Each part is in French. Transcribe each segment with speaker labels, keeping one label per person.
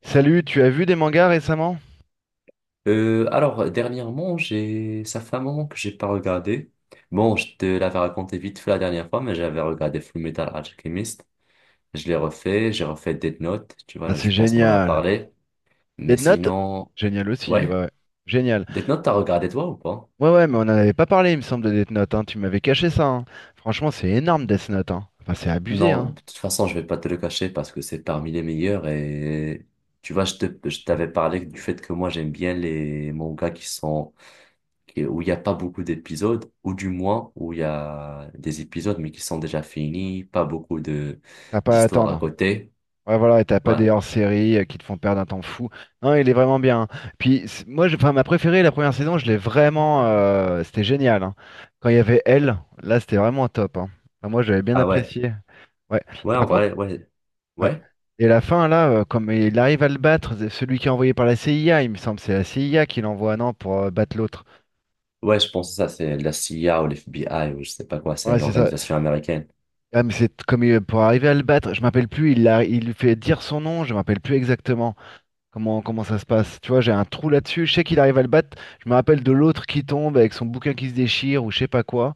Speaker 1: Salut, tu as vu des mangas récemment?
Speaker 2: Alors, dernièrement, ça fait un moment que j'ai pas regardé. Bon, je te l'avais raconté vite fait la dernière fois, mais j'avais regardé Fullmetal Alchemist. Je l'ai refait, j'ai refait Death Note. Tu
Speaker 1: Ah,
Speaker 2: vois,
Speaker 1: c'est
Speaker 2: je pense qu'on en a
Speaker 1: génial.
Speaker 2: parlé. Mais
Speaker 1: Death Note?
Speaker 2: sinon,
Speaker 1: Génial aussi, ouais,
Speaker 2: ouais.
Speaker 1: ouais. Génial.
Speaker 2: Death Note, t'as regardé toi ou pas?
Speaker 1: Ouais, ouais, mais on n'en avait pas parlé, il me semble, de Death Note, hein. Tu m'avais caché ça, hein. Franchement, c'est énorme, Death Note, hein. Enfin, c'est abusé,
Speaker 2: Non,
Speaker 1: hein.
Speaker 2: de toute façon, je vais pas te le cacher parce que c'est parmi les meilleurs et tu vois, je t'avais parlé du fait que moi j'aime bien les mangas où il n'y a pas beaucoup d'épisodes, ou du moins où il y a des épisodes mais qui sont déjà finis, pas beaucoup de
Speaker 1: T'as pas à
Speaker 2: d'histoires à
Speaker 1: attendre.
Speaker 2: côté.
Speaker 1: Ouais, voilà, et t'as pas
Speaker 2: Ouais.
Speaker 1: des hors-séries qui te font perdre un temps fou. Non, il est vraiment bien, hein. Puis, enfin, ma préférée, la première saison, je l'ai vraiment. C'était génial, hein. Quand il y avait elle, là, c'était vraiment top, hein. Enfin, moi, j'avais bien
Speaker 2: Ah ouais.
Speaker 1: apprécié. Ouais.
Speaker 2: Ouais, en
Speaker 1: Par contre,
Speaker 2: vrai, ouais.
Speaker 1: ouais.
Speaker 2: Ouais.
Speaker 1: Et la fin, là, comme il arrive à le battre, c'est celui qui est envoyé par la CIA, il me semble, c'est la CIA qui l'envoie, non, pour battre l'autre.
Speaker 2: Ouais, je pense que ça, c'est la CIA ou l'FBI ou je sais pas quoi, c'est
Speaker 1: Ouais, c'est ça.
Speaker 2: l'organisation américaine.
Speaker 1: Ah, mais c'est comme pour arriver à le battre, je m'appelle plus, il lui fait dire son nom, je m'appelle plus exactement comment ça se passe. Tu vois, j'ai un trou là-dessus, je sais qu'il arrive à le battre, je me rappelle de l'autre qui tombe avec son bouquin qui se déchire ou je sais pas quoi.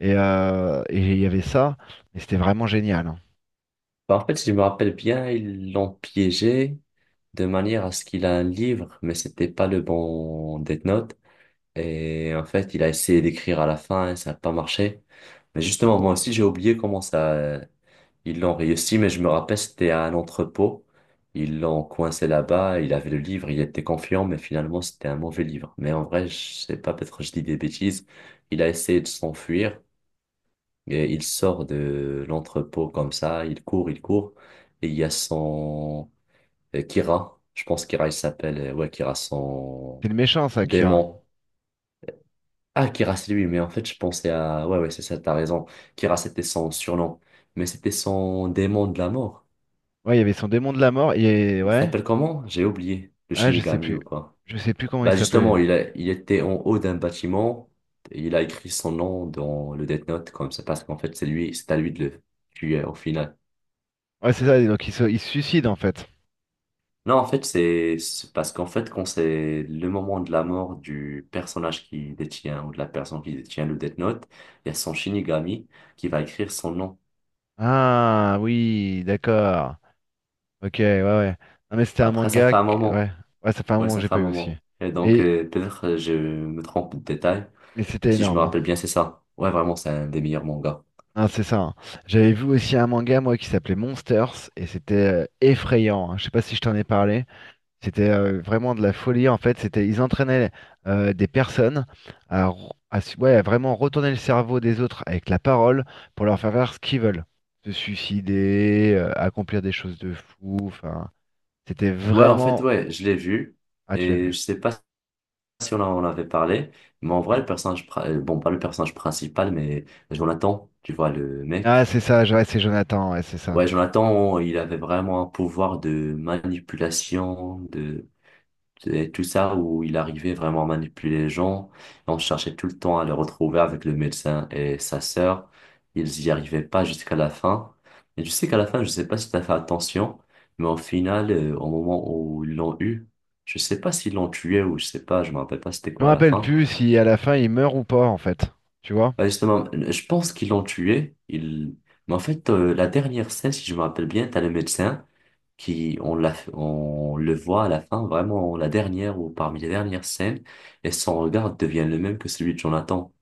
Speaker 1: Et il y avait ça, et c'était vraiment génial, hein.
Speaker 2: Bah, en fait, si je me rappelle bien, ils l'ont piégé de manière à ce qu'il a un livre, mais c'était pas le bon Death Note. Et en fait, il a essayé d'écrire à la fin et ça n'a pas marché. Mais justement, moi aussi, j'ai oublié comment ça. Ils l'ont réussi, mais je me rappelle, c'était à un entrepôt. Ils l'ont coincé là-bas, il avait le livre, il était confiant, mais finalement, c'était un mauvais livre. Mais en vrai, je sais pas, peut-être que je dis des bêtises. Il a essayé de s'enfuir et il sort de l'entrepôt comme ça, il court, il court. Et il y a son Kira, je pense Kira, il s'appelle, ouais, Kira, son
Speaker 1: C'est le méchant, ça, Kira.
Speaker 2: démon. Ah, Kira, c'est lui, mais en fait, je pensais à, ouais, ouais, c'est ça, t'as raison. Kira, c'était son surnom, mais c'était son démon de la mort.
Speaker 1: Ouais, il y avait son démon de la mort, et
Speaker 2: Il
Speaker 1: ouais,
Speaker 2: s'appelle comment? J'ai oublié. Le
Speaker 1: ah, je sais
Speaker 2: Shinigami
Speaker 1: plus.
Speaker 2: ou quoi?
Speaker 1: Je sais plus comment il
Speaker 2: Bah
Speaker 1: s'appelait.
Speaker 2: justement, il était en haut d'un bâtiment. Et il a écrit son nom dans le Death Note comme ça parce qu'en fait c'est lui, c'est à lui de le tuer au final.
Speaker 1: Ouais, c'est ça, donc il se suicide en fait.
Speaker 2: Non, en fait c'est parce qu'en fait quand c'est le moment de la mort du personnage qui détient ou de la personne qui détient le Death Note, il y a son Shinigami qui va écrire son nom.
Speaker 1: Ah oui, d'accord. Ok, ouais, ouais. Non, mais c'était un
Speaker 2: Après ça
Speaker 1: manga
Speaker 2: fait un
Speaker 1: que-
Speaker 2: moment.
Speaker 1: Ouais, ouais, ça fait un
Speaker 2: Ouais,
Speaker 1: moment que
Speaker 2: ça
Speaker 1: j'ai
Speaker 2: fait un
Speaker 1: pas eu aussi.
Speaker 2: moment. Et donc
Speaker 1: Mais,
Speaker 2: peut-être je me trompe de détail.
Speaker 1: mais
Speaker 2: Mais
Speaker 1: c'était
Speaker 2: si je me
Speaker 1: énorme, hein.
Speaker 2: rappelle bien, c'est ça. Ouais, vraiment c'est un des meilleurs mangas.
Speaker 1: Ah, c'est ça, hein. J'avais vu aussi un manga, moi, qui s'appelait Monsters, et c'était effrayant, hein. Je sais pas si je t'en ai parlé. C'était vraiment de la folie en fait. C'était, ils entraînaient des personnes à, r- à s- ouais, à vraiment retourner le cerveau des autres avec la parole pour leur faire faire ce qu'ils veulent. Se suicider, accomplir des choses de fou. Enfin, c'était
Speaker 2: Ouais, en fait,
Speaker 1: vraiment.
Speaker 2: ouais, je l'ai vu
Speaker 1: Ah, tu l'as vu.
Speaker 2: et je sais pas si on en avait parlé, mais en vrai, le personnage, bon, pas le personnage principal, mais Jonathan, tu vois, le
Speaker 1: Ah,
Speaker 2: mec.
Speaker 1: c'est ça, ouais, c'est Jonathan, ouais, c'est ça.
Speaker 2: Ouais, Jonathan, il avait vraiment un pouvoir de manipulation, de et tout ça où il arrivait vraiment à manipuler les gens. Et on cherchait tout le temps à le retrouver avec le médecin et sa sœur. Ils y arrivaient pas jusqu'à la fin. Et je sais qu'à la fin, je sais pas si t'as fait attention, mais au final, au moment où ils l'ont eu, je sais pas s'ils l'ont tué ou je sais pas, je me rappelle pas c'était
Speaker 1: Je me
Speaker 2: quoi à la
Speaker 1: rappelle
Speaker 2: fin.
Speaker 1: plus si à la fin il meurt ou pas en fait. Tu vois?
Speaker 2: Bah, justement, je pense qu'ils l'ont tué. Il... Mais en fait, la dernière scène, si je me rappelle bien, t'as le médecin qui, on le voit à la fin, vraiment la dernière ou parmi les dernières scènes, et son regard devient le même que celui de Jonathan.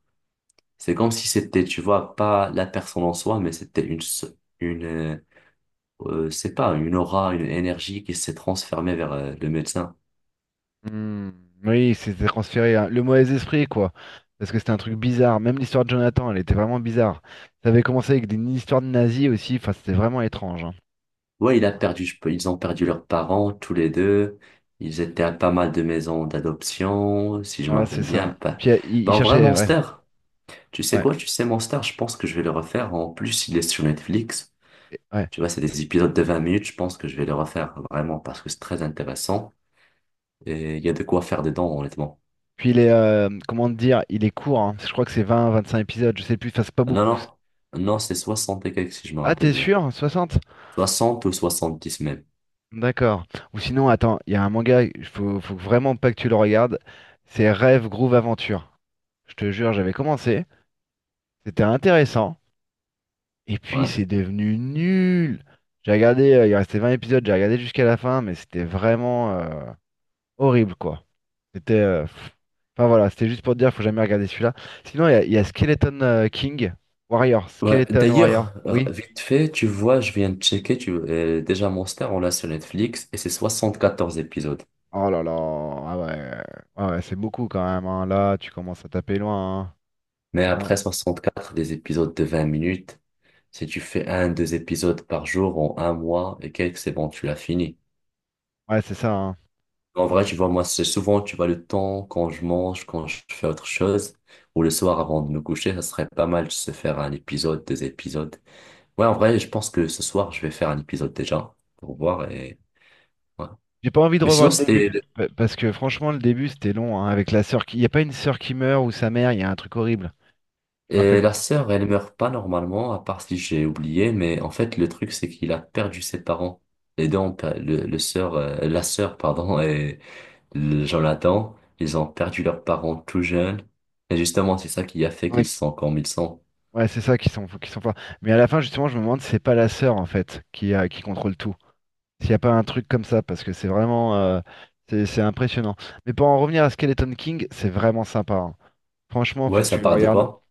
Speaker 2: C'est comme si c'était, tu vois, pas la personne en soi, mais c'était une, euh, c'est pas une aura, une énergie qui s'est transformée vers le médecin.
Speaker 1: Hmm, oui, c'était transféré, hein. Le mauvais esprit, quoi. Parce que c'était un truc bizarre. Même l'histoire de Jonathan, elle était vraiment bizarre. Ça avait commencé avec des une histoire de nazis aussi. Enfin, c'était vraiment étrange, hein.
Speaker 2: Ouais, il a perdu, ils ont perdu leurs parents, tous les deux. Ils étaient à pas mal de maisons d'adoption, si je
Speaker 1: Ouais,
Speaker 2: me
Speaker 1: ouais, c'est
Speaker 2: rappelle bien.
Speaker 1: ça.
Speaker 2: Pas...
Speaker 1: Puis il,
Speaker 2: Ben,
Speaker 1: il
Speaker 2: en vrai,
Speaker 1: cherchait, ouais,
Speaker 2: Monster, tu sais
Speaker 1: ouais,
Speaker 2: quoi, tu sais, Monster, je pense que je vais le refaire. En plus, il est sur Netflix.
Speaker 1: ouais.
Speaker 2: Tu vois, c'est des épisodes de 20 minutes, je pense que je vais le refaire, vraiment, parce que c'est très intéressant. Et il y a de quoi faire dedans, honnêtement.
Speaker 1: Puis il est, comment te dire, il est court, hein. Je crois que c'est 20, 25 épisodes. Je sais plus. Enfin, c'est pas
Speaker 2: Non,
Speaker 1: beaucoup.
Speaker 2: non, non, c'est 60 et quelques, si je me
Speaker 1: Ah,
Speaker 2: rappelle
Speaker 1: t'es
Speaker 2: bien.
Speaker 1: sûr? 60.
Speaker 2: 60 ou 70 même.
Speaker 1: D'accord. Ou sinon, attends, il y a un manga. Il faut vraiment pas que tu le regardes. C'est Rêve Groove Aventure. Je te jure, j'avais commencé. C'était intéressant. Et puis
Speaker 2: Ouais.
Speaker 1: c'est devenu nul. J'ai regardé, il restait 20 épisodes, j'ai regardé jusqu'à la fin, mais c'était vraiment horrible quoi. C'était, pff. Enfin voilà, c'était juste pour te dire, faut jamais regarder celui-là. Sinon, il y a Skeleton King Warrior,
Speaker 2: Ouais,
Speaker 1: Skeleton Warrior,
Speaker 2: d'ailleurs,
Speaker 1: oui.
Speaker 2: vite fait, tu vois, je viens de checker, déjà Monster, on l'a sur Netflix et c'est 74 épisodes.
Speaker 1: Oh là là, ah ouais, ah ouais, c'est beaucoup quand même, hein. Là, tu commences à taper loin, hein.
Speaker 2: Mais
Speaker 1: Ça commence-
Speaker 2: après 64 des épisodes de 20 minutes, si tu fais un, deux épisodes par jour en un mois et quelques, c'est bon, tu l'as fini.
Speaker 1: Ouais, c'est ça, hein.
Speaker 2: En vrai,
Speaker 1: Donc,
Speaker 2: tu vois, moi, c'est souvent, tu vois, le temps quand je mange, quand je fais autre chose, ou le soir avant de me coucher, ça serait pas mal de se faire un épisode, deux épisodes. Ouais, en vrai, je pense que ce soir, je vais faire un épisode déjà pour voir et, ouais.
Speaker 1: j'ai pas envie de
Speaker 2: Mais
Speaker 1: revoir
Speaker 2: sinon,
Speaker 1: le début
Speaker 2: c'était.
Speaker 1: parce que franchement, le début c'était long, hein, avec il y a pas une sœur qui meurt ou sa mère, il y a un truc horrible. Je me rappelle.
Speaker 2: Et la sœur, elle meurt pas normalement, à part si j'ai oublié, mais en fait, le truc, c'est qu'il a perdu ses parents. Les deux ont le sœur, la sœur, pardon, et le Jonathan, ils ont perdu leurs parents tout jeunes. Et justement, c'est ça qui a fait qu'ils sont comme ils sont.
Speaker 1: Ouais, c'est ça qui sont, forts. Mais à la fin, justement, je me demande si c'est pas la sœur, en fait, qui contrôle tout. S'il n'y a pas un truc comme ça, parce que c'est vraiment, c'est impressionnant. Mais pour en revenir à Skeleton King, c'est vraiment sympa, hein. Franchement,
Speaker 2: Ouais,
Speaker 1: faut que
Speaker 2: ça
Speaker 1: tu le
Speaker 2: parle de
Speaker 1: regardes.
Speaker 2: quoi?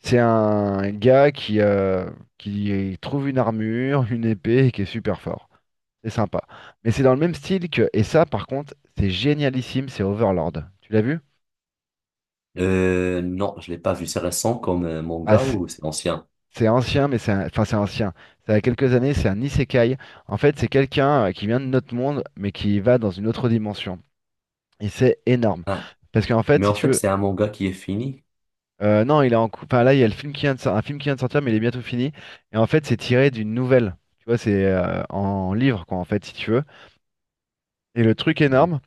Speaker 1: C'est un gars qui trouve une armure, une épée, et qui est super fort. C'est sympa. Mais c'est dans le même style que. Et ça, par contre, c'est génialissime, c'est Overlord. Tu l'as vu?
Speaker 2: Non, je l'ai pas vu. C'est récent comme
Speaker 1: Ah,
Speaker 2: manga ou c'est ancien?
Speaker 1: C'est ancien, mais enfin c'est ancien. Ça a quelques années, c'est un isekai. En fait, c'est quelqu'un qui vient de notre monde, mais qui va dans une autre dimension. Et c'est énorme.
Speaker 2: Ah,
Speaker 1: Parce qu'en fait,
Speaker 2: mais
Speaker 1: si
Speaker 2: en
Speaker 1: tu
Speaker 2: fait,
Speaker 1: veux,
Speaker 2: c'est un manga qui est fini.
Speaker 1: non, il est enfin là, il y a le film qui vient de sor- un film qui vient de sortir, mais il est bientôt fini. Et en fait, c'est tiré d'une nouvelle. Tu vois, c'est en livre, quoi, en fait, si tu veux. Et le truc
Speaker 2: Mhm.
Speaker 1: énorme,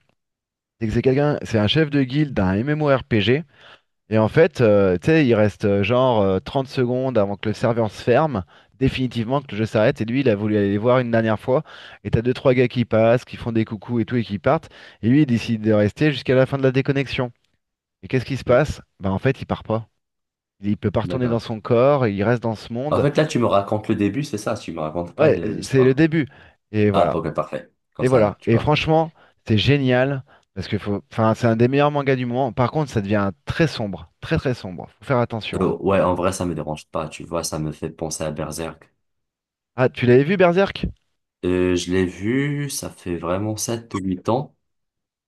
Speaker 1: c'est que c'est quelqu'un, c'est un chef de guilde d'un MMORPG. Et en fait, tu sais, il reste genre 30 secondes avant que le serveur se ferme, définitivement que le jeu s'arrête. Et lui, il a voulu aller les voir une dernière fois. Et t'as deux, trois gars qui passent, qui font des coucous et tout, et qui partent. Et lui, il décide de rester jusqu'à la fin de la déconnexion. Et qu'est-ce qui se passe? Bah en fait, il part pas. Il peut pas retourner dans
Speaker 2: D'accord.
Speaker 1: son corps, il reste dans ce
Speaker 2: En
Speaker 1: monde.
Speaker 2: fait, là, tu me racontes le début, c'est ça, tu me racontes pas
Speaker 1: Ouais, c'est le
Speaker 2: l'histoire.
Speaker 1: début. Et
Speaker 2: Ah,
Speaker 1: voilà.
Speaker 2: ok, parfait. Comme
Speaker 1: Et
Speaker 2: ça,
Speaker 1: voilà.
Speaker 2: tu
Speaker 1: Et
Speaker 2: vas.
Speaker 1: franchement, c'est génial. Parce que faut, enfin, c'est un des meilleurs mangas du moment. Par contre, ça devient très sombre. Très très sombre. Faut faire attention, hein.
Speaker 2: Ouais, en vrai, ça me dérange pas, tu vois, ça me fait penser à Berserk.
Speaker 1: Ah, tu l'avais vu, Berserk?
Speaker 2: Je l'ai vu, ça fait vraiment 7 ou 8 ans,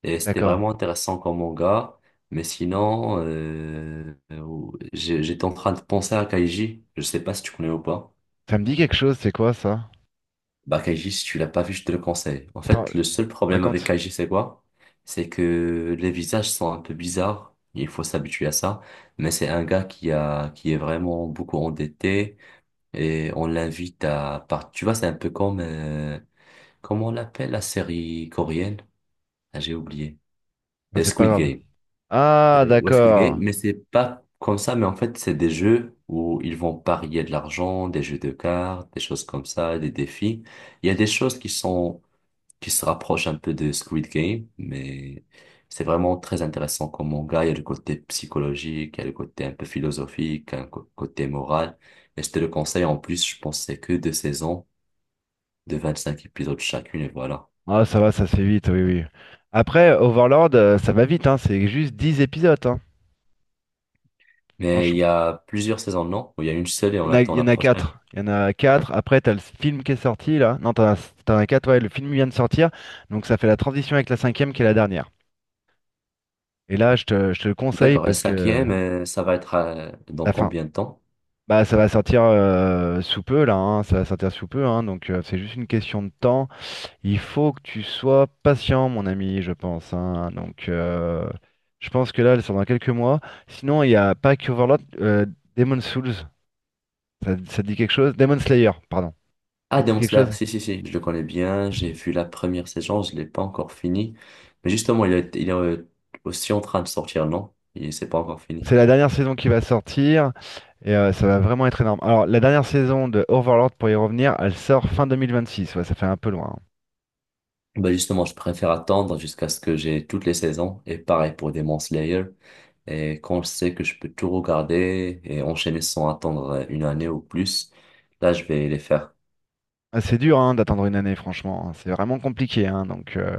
Speaker 2: et c'était
Speaker 1: D'accord.
Speaker 2: vraiment intéressant comme manga. Mais sinon, j'étais en train de penser à Kaiji, je sais pas si tu connais ou pas.
Speaker 1: Ça me dit quelque chose, c'est quoi ça?
Speaker 2: Bah, Kaiji, si tu l'as pas vu, je te le conseille. En
Speaker 1: Attends,
Speaker 2: fait, le seul problème avec
Speaker 1: raconte.
Speaker 2: Kaiji, c'est quoi? C'est que les visages sont un peu bizarres, il faut s'habituer à ça. Mais c'est un gars qui est vraiment beaucoup endetté. Et on l'invite à part. Tu vois, c'est un peu comme, comment on l'appelle la série coréenne? Ah, j'ai oublié.
Speaker 1: Enfin, c'est pas
Speaker 2: Squid
Speaker 1: grave.
Speaker 2: Game.
Speaker 1: Ah,
Speaker 2: Ouais, Squid Game,
Speaker 1: d'accord.
Speaker 2: mais c'est pas comme ça, mais en fait, c'est des jeux où ils vont parier de l'argent, des jeux de cartes, des choses comme ça, des défis. Il y a des choses qui se rapprochent un peu de Squid Game, mais c'est vraiment très intéressant comme manga. Il y a le côté psychologique, il y a le côté un peu philosophique, un côté moral. Et je te le conseille en plus, je pense que c'est que deux saisons de 25 épisodes chacune, et voilà.
Speaker 1: Ah, ça va, ça se fait vite, oui, oui. Après, Overlord, ça va vite, hein. C'est juste 10 épisodes, hein.
Speaker 2: Mais il y
Speaker 1: Franchement,
Speaker 2: a plusieurs saisons, non? Ou il y a une seule et
Speaker 1: il y
Speaker 2: on
Speaker 1: en a, il
Speaker 2: attend
Speaker 1: y
Speaker 2: la
Speaker 1: en a
Speaker 2: prochaine.
Speaker 1: 4. Il y en a quatre. Après, t'as le film qui est sorti, là. Non, t'en as 4, ouais. Le film vient de sortir. Donc, ça fait la transition avec la cinquième qui est la dernière. Et là, je te le conseille
Speaker 2: D'accord, et la
Speaker 1: parce que
Speaker 2: cinquième, ça va être dans
Speaker 1: la fin.
Speaker 2: combien de temps?
Speaker 1: Bah, ça va sortir sous peu, là, hein. Ça va sortir sous peu, hein. Donc, c'est juste une question de temps. Il faut que tu sois patient, mon ami, je pense, hein. Donc, je pense que là, elle sort dans quelques mois. Sinon, il y a pas que Overlord, Demon Souls. Ça te dit quelque chose? Demon Slayer, pardon. Ça
Speaker 2: Ah,
Speaker 1: te dit
Speaker 2: Demon
Speaker 1: quelque
Speaker 2: Slayer,
Speaker 1: chose?
Speaker 2: si, si, si, je le connais bien, j'ai vu la première saison, je l'ai pas encore fini. Mais justement, il est aussi en train de sortir, non? Il c'est pas encore fini.
Speaker 1: C'est la dernière saison qui va sortir et ça va vraiment être énorme. Alors, la dernière saison de Overlord, pour y revenir, elle sort fin 2026. Ouais, ça fait un peu loin, hein.
Speaker 2: Bah justement, je préfère attendre jusqu'à ce que j'ai toutes les saisons, et pareil pour Demon Slayer. Et quand je sais que je peux tout regarder et enchaîner sans attendre une année ou plus, là, je vais les faire.
Speaker 1: Ah, c'est dur hein, d'attendre une année, franchement, hein. C'est vraiment compliqué, hein. Donc,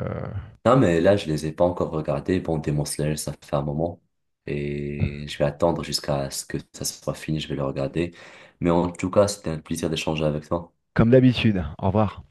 Speaker 2: Non, mais là, je les ai pas encore regardés. Bon, Demon Slayer, ça fait un moment. Et je vais attendre jusqu'à ce que ça soit fini, je vais le regarder. Mais en tout cas, c'était un plaisir d'échanger avec toi.
Speaker 1: comme d'habitude. Au revoir.